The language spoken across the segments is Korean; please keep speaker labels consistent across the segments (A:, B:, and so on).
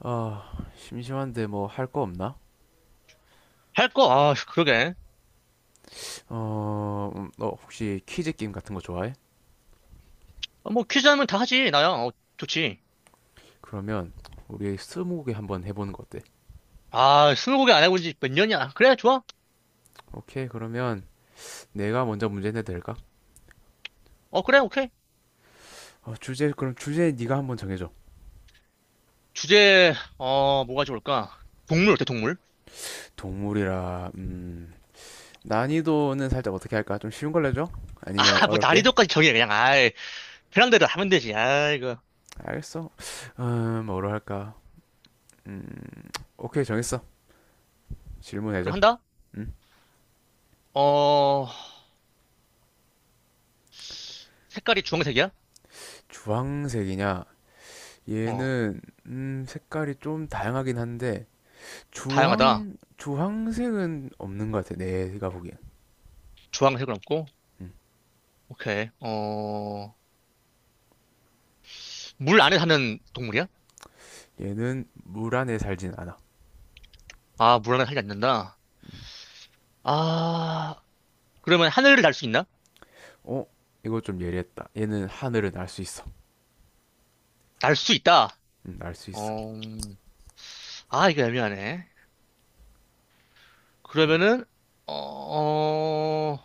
A: 아, 심심한데 뭐 할 거 없나?
B: 할 거? 아, 그러게.
A: 너 혹시 퀴즈 게임 같은 거 좋아해?
B: 어, 뭐 퀴즈 하면 다 하지, 나야. 어, 좋지.
A: 그러면 우리 스무고개 한번 해보는 거 어때?
B: 아, 스무고개 안 해본 지 몇 년이야. 그래, 좋아.
A: 오케이, 그러면 내가 먼저 문제 내도 될까?
B: 어, 그래, 오케이.
A: 주제, 그럼 주제 네가 한번 정해줘.
B: 주제, 어, 뭐가 좋을까? 동물 어때, 동물?
A: 동물이라, 난이도는 살짝 어떻게 할까? 좀 쉬운 걸로 줘 아니면
B: 아, 뭐
A: 어렵게?
B: 난이도까지 정해, 그냥. 아이, 편한대로 하면 되지. 아이고.
A: 알겠어. 뭐로 할까? 음, 오케이, 정했어. 질문해줘.
B: 그럼 한다?
A: 음,
B: 어, 색깔이 주황색이야?
A: 주황색이냐?
B: 어,
A: 얘는, 색깔이 좀 다양하긴 한데,
B: 다양하다.
A: 주황 주황색은 없는 것 같아 내가 보기엔.
B: 주황색은 없고. 오케이. 어, 물 안에 사는 동물이야?
A: 얘는 물 안에 살진 않아.
B: 아, 물 안에 살지 않는다. 아, 그러면 하늘을 날 수 있나?
A: 어, 이거 좀 예리했다. 얘는 하늘을 날 수 있어.
B: 날 수 있다.
A: 음날 수 있어.
B: 어, 아, 이거 애매하네. 그러면은 어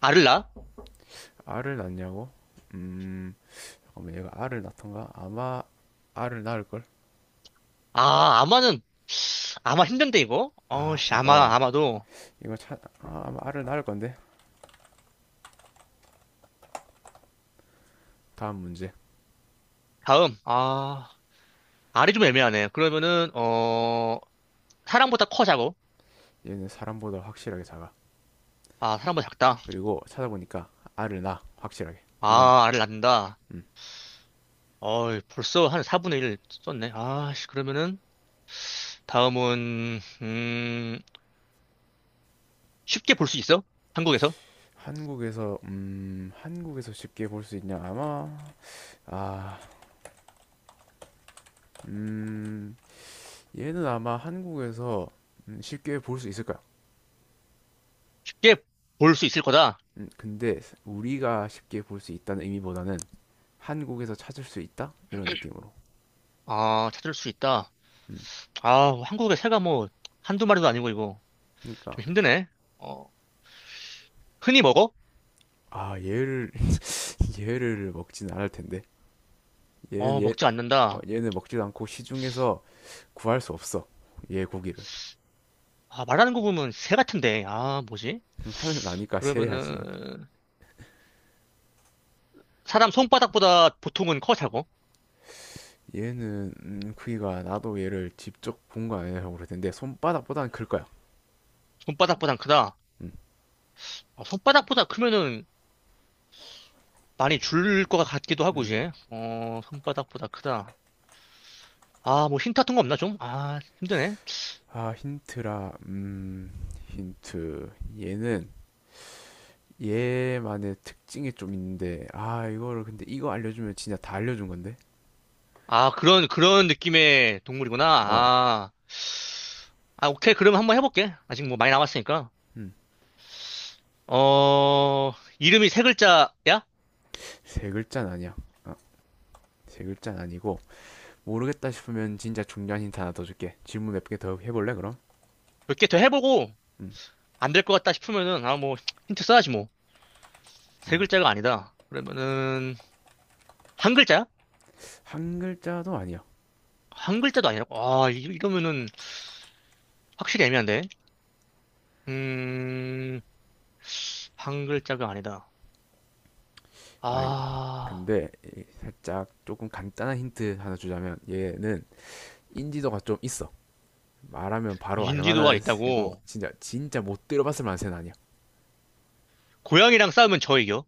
B: 알을 낳아?
A: 알을 낳냐고. 음 잠깐만, 얘가 알을 낳던가, 아마 알을 낳을
B: 아 아마는 아마 힘든데 이거
A: 걸아
B: 어씨 아마
A: 잠깐만,
B: 아마도
A: 이거 차 아, 아마 알을 낳을 건데. 다음 문제.
B: 다음 아 알이 좀 애매하네 그러면은 어 사람보다 커 작어
A: 얘는 사람보다 확실하게 작아.
B: 아 사람보다 작다
A: 그리고 찾아보니까 알을 낳아 확실하게. 이건
B: 아 알을 낳는다
A: 음.
B: 어 벌써 한 4분의 1 썼네 아씨 그러면은 다음은 쉽게 볼 수 있어? 한국에서
A: 한국에서 쉽게 볼 수 있냐. 아마 아 음, 얘는 아마 한국에서 쉽게 볼 수 있을 까요
B: 쉽게 볼 수 있을 거다
A: 근데 우리가 쉽게 볼 수 있다는 의미보다는 한국에서 찾을 수 있다? 이런 느낌으로.
B: 아 찾을 수 있다
A: 음,
B: 아 한국에 새가 뭐 한두 마리도 아니고 이거
A: 그러니까.
B: 좀 힘드네 어. 흔히 먹어?
A: 아, 얘를 얘를 먹진 않을 텐데. 얘는
B: 어,
A: 얘
B: 먹지
A: 어,
B: 않는다.
A: 얘는 먹지도 않고 시중에서 구할 수 없어. 얘 고기를.
B: 아, 말하는 거 보면 새 같은데. 아, 뭐지?
A: 하늘 나니까 새야지.
B: 그러면은, 사람 손바닥보다 보통은 커, 사고?
A: 얘는 크기가, 나도 얘를 직접 본 거 아니라고 그럴 텐데 손바닥보다는 클 거야.
B: 손바닥보단 크다.
A: 음.
B: 어, 손바닥보다 크면은 많이 줄 것 같기도 하고, 이제. 어, 손바닥보다 크다. 아, 뭐 힌트 같은 거 없나, 좀? 아, 힘드네.
A: 아, 힌트라. 힌트. 얘는 얘만의 특징이 좀 있는데, 아, 이거 알려주면 진짜 다 알려준 건데?
B: 아, 그런 느낌의 동물이구나.
A: 어,
B: 아, 아, 오케이. 그럼 한번 해볼게. 아직 뭐 많이 남았으니까.
A: 음,
B: 어, 이름이 세 글자야?
A: 세 글자는 아니야. 어, 세 글자는 아니고, 모르겠다 싶으면 진짜 중요한 힌트 하나 더 줄게. 질문 몇 개 더 해볼래, 그럼?
B: 몇 개 더 해보고,
A: 음,
B: 안될 것 같다 싶으면은, 아, 뭐, 힌트 써야지 뭐. 세
A: 음.
B: 글자가 아니다. 그러면은, 한 글자야?
A: 한 글자도 아니야.
B: 한 글자도 아니라고? 아, 이러면은 확실히 애매한데? 음, 한 글자가 아니다.
A: 아이고.
B: 아,
A: 근데 이 살짝 조금 간단한 힌트 하나 주자면, 얘는 인지도가 좀 있어. 말하면 바로
B: 인지도가
A: 알만한 새고,
B: 있다고?
A: 진짜 못 들어봤을 만한 새는 아니야.
B: 고양이랑 싸우면 저 이겨?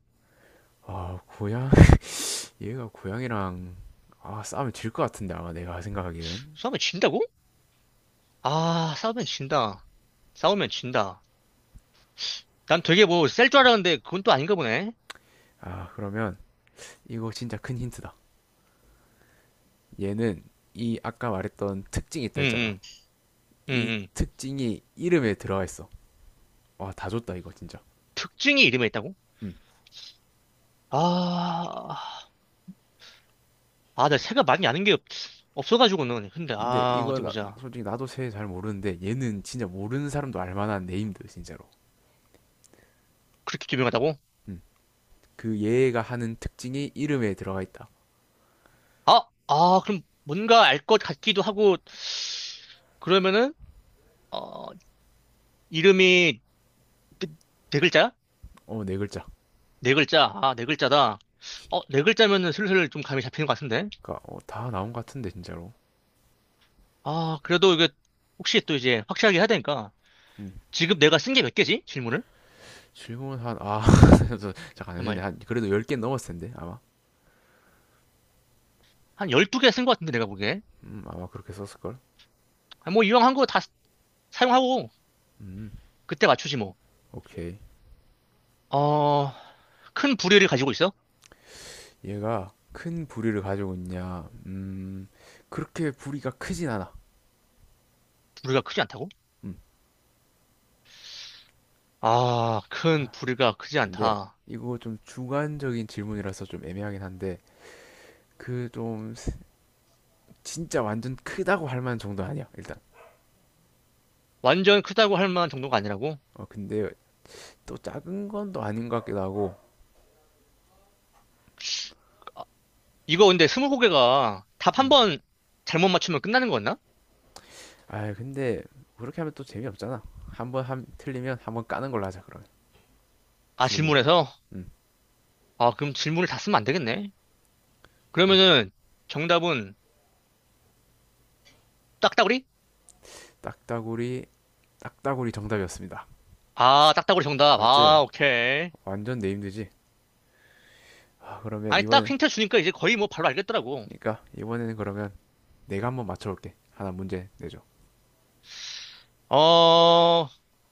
A: 아, 고양, 얘가 고양이랑, 아, 싸우면 질 것 같은데, 아마 내가 생각하기는.
B: 싸우면 진다고? 아, 싸우면 진다. 싸우면 진다. 난 되게 뭐, 셀 줄 알았는데, 그건 또 아닌가 보네.
A: 아, 그러면, 이거 진짜 큰 힌트다. 얘는, 이 아까 말했던 특징이 있다
B: 응,
A: 했잖아.
B: 응, 응,
A: 이
B: 응.
A: 특징이 이름에 들어가 있어. 와, 다 줬다, 이거 진짜.
B: 특징이 이름에 있다고?
A: 음.
B: 아, 아, 나 새가 많이 없어가지고는. 근데,
A: 근데
B: 아,
A: 이거,
B: 어디
A: 나-
B: 보자.
A: 솔직히 나도 새 잘 모르는데, 얘는 진짜 모르는 사람도 알만한 네임드, 진짜로.
B: 그렇게 유명하다고?
A: 음. 그 얘가 하는 특징이 이름에 들어가 있다.
B: 아, 아, 그럼 뭔가 알 것 같기도 하고, 그러면은, 어, 이름이 네, 네 글자야?
A: 어, 네 글자.
B: 네 글자. 아, 네 글자다. 어, 네 글자면은 슬슬 좀 감이 잡히는 것 같은데?
A: 그니까, 어, 다 나온 것 같은데, 진짜로.
B: 아, 그래도 이게 혹시 또 이제 확실하게 해야 되니까.
A: 음.
B: 지금 내가 쓴 게 몇 개지? 질문을?
A: 질문 한, 아, 저- 잠깐 안 했네.
B: 정말.
A: 한, 그래도 10개 넘었을 텐데, 아마.
B: 한 열두 개 쓴 것 같은데, 내가 보기에.
A: 아마 그렇게 썼을걸?
B: 아, 뭐, 이왕 한 거 다 사용하고,
A: 음,
B: 그때 맞추지 뭐.
A: 오케이.
B: 어, 큰 부리를 가지고 있어?
A: 얘가 큰 부리를 가지고 있냐? 그렇게 부리가 크진 않아.
B: 부리가 크지 않다고?
A: 음,
B: 아, 큰 부리가 크지
A: 근데
B: 않다.
A: 이거 좀 주관적인 질문이라서 좀 애매하긴 한데, 그 좀, 진짜 완전 크다고 할 만한 정도 아니야, 일단.
B: 완전 크다고 할 만한 정도가 아니라고?
A: 어, 근데 또 작은 건 또 아닌 것 같기도 하고.
B: 아, 이거 근데 스무고개가 답 한
A: 음.
B: 번 잘못 맞추면 끝나는 거였나?
A: 아, 근데 그렇게 하면 또 재미없잖아. 틀리면 한 번 까는 걸로 하자, 그러면.
B: 아,
A: 질문.
B: 질문에서?
A: 음,
B: 아, 그럼 질문을 다 쓰면 안 되겠네.
A: 잘.
B: 그러면은 정답은 딱따구리?
A: 딱따구리. 딱따구리 정답이었습니다.
B: 아, 딱따구리 정답.
A: 맞지?
B: 아, 오케이.
A: 완전 내힘들지. 아, 그러면
B: 아니, 딱
A: 이번에.
B: 힌트 주니까 이제 거의 뭐 바로 알겠더라고.
A: 그러니까 이번에는 그러면 내가 한번 맞춰볼게. 하나 문제 내줘.
B: 어,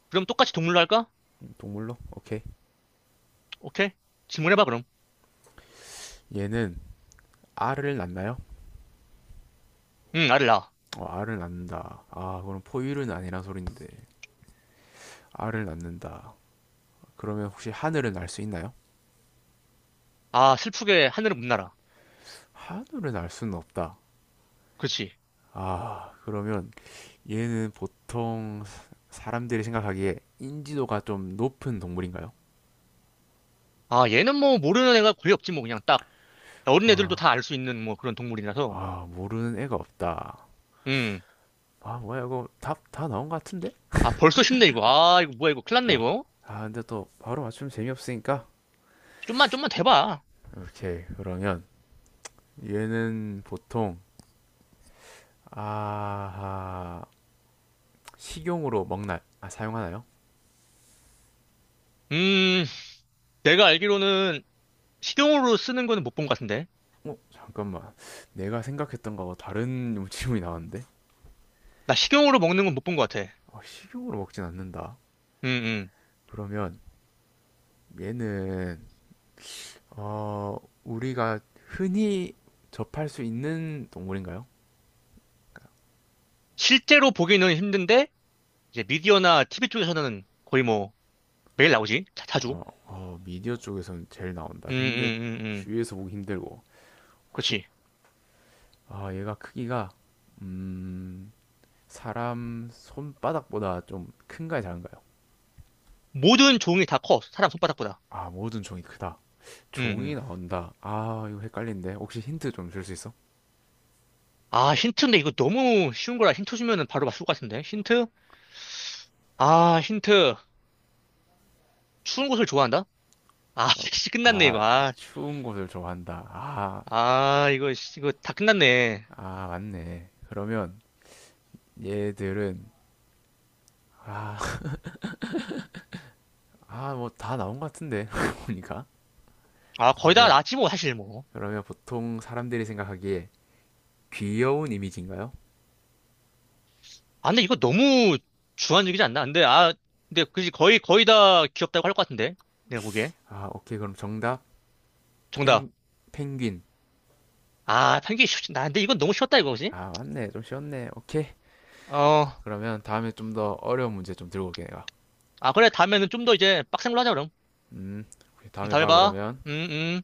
B: 그럼 똑같이 동물로 할까?
A: 동물로? 오케이.
B: 오케이. 질문해봐, 그럼.
A: 얘는 알을 낳나요?
B: 응, 알을 낳아.
A: 어, 알을 낳는다. 아, 그럼 포유류는 아니란 소린데 알을 낳는다. 그러면 혹시 하늘을 날 수 있나요?
B: 아, 슬프게 하늘을 못 날아.
A: 하늘을 날 수는 없다.
B: 그렇지.
A: 아, 그러면 얘는 보통 사- 사람들이 생각하기에 인지도가 좀 높은 동물인가요?
B: 아, 얘는 뭐 모르는 애가 거의 없지, 뭐 그냥 딱. 어린 애들도
A: 아,
B: 다 알 수 있는 뭐 그런 동물이라서.
A: 아, 모르는 애가 없다.
B: 음.
A: 아, 뭐야, 이거 답 다 나온 것 같은데?
B: 아, 벌써 쉽네, 이거. 아, 이거 뭐야, 이거. 큰일 났네,
A: 아,
B: 이거.
A: 아, 근데 또 바로 맞추면 재미없으니까.
B: 좀만, 좀만 대봐.
A: 오케이, 그러면 얘는 보통, 아, 식용으로 먹나, 아, 사용하나요?
B: 음, 내가 알기로는 식용으로 쓰는 거는 못 본 것 같은데.
A: 어, 잠깐만. 내가 생각했던 거하고 다른 질문이 나왔는데?
B: 나 식용으로 먹는 건 못 본 것 같아.
A: 어, 식용으로 먹진 않는다.
B: 음, 음.
A: 그러면 얘는, 어, 우리가 흔히 접할 수 있는 동물인가요?
B: 실제로 보기는 힘든데, 이제 미디어나 티비 쪽에서는 거의 뭐 매일 나오지. 자, 주
A: 미디어 쪽에서는 제일 나온다.
B: 음,
A: 근데
B: 음, 음, 음.
A: 주위에서 보기 힘들고. 혹시,
B: 그렇지.
A: 아, 얘가 크기가, 음, 사람 손바닥보다 좀 큰가요, 작은가요?
B: 모든 종이 다 커. 사람 손바닥보다.
A: 아, 모든 종이 크다.
B: 음,
A: 종이
B: 음.
A: 나온다. 아, 이거 헷갈린데. 혹시 힌트 좀 줄 수 있어?
B: 아, 힌트인데 이거 너무 쉬운 거라 힌트 주면은 바로 맞출 것 같은데. 힌트? 아, 힌트. 추운 곳을 좋아한다? 아,
A: 어,
B: 씨, 끝났네,
A: 아,
B: 이거.
A: 나
B: 아,
A: 추운 곳을 좋아한다. 아,
B: 아, 이거, 씨, 이거 다 끝났네.
A: 아, 맞네. 그러면 얘들은, 아, 아, 뭐 다 나온 것 같은데. 보니까.
B: 아, 거의 다
A: 그러면,
B: 나왔지, 뭐, 사실, 뭐.
A: 그러면 보통 사람들이 생각하기에 귀여운 이미지인가요?
B: 아, 근데 이거 너무 주관적이지 않나? 근데, 아, 근데, 그지, 거의, 거의 다 귀엽다고 할 것 같은데. 내가 보기에.
A: 아, 오케이. 그럼 정답.
B: 정답.
A: 펭, 펭귄.
B: 아, 편기 쉽지. 나, 근데 이건 너무 쉬웠다, 이거지?
A: 아, 맞네. 좀 쉬웠네. 오케이.
B: 어,
A: 그러면 다음에 좀 더 어려운 문제 좀 들고 올게 내가.
B: 아, 그래, 다음에는 좀 더 이제 빡센 걸로 하자, 그럼.
A: 음, 다음에
B: 다음에
A: 봐
B: 봐.
A: 그러면.
B: 음, 음.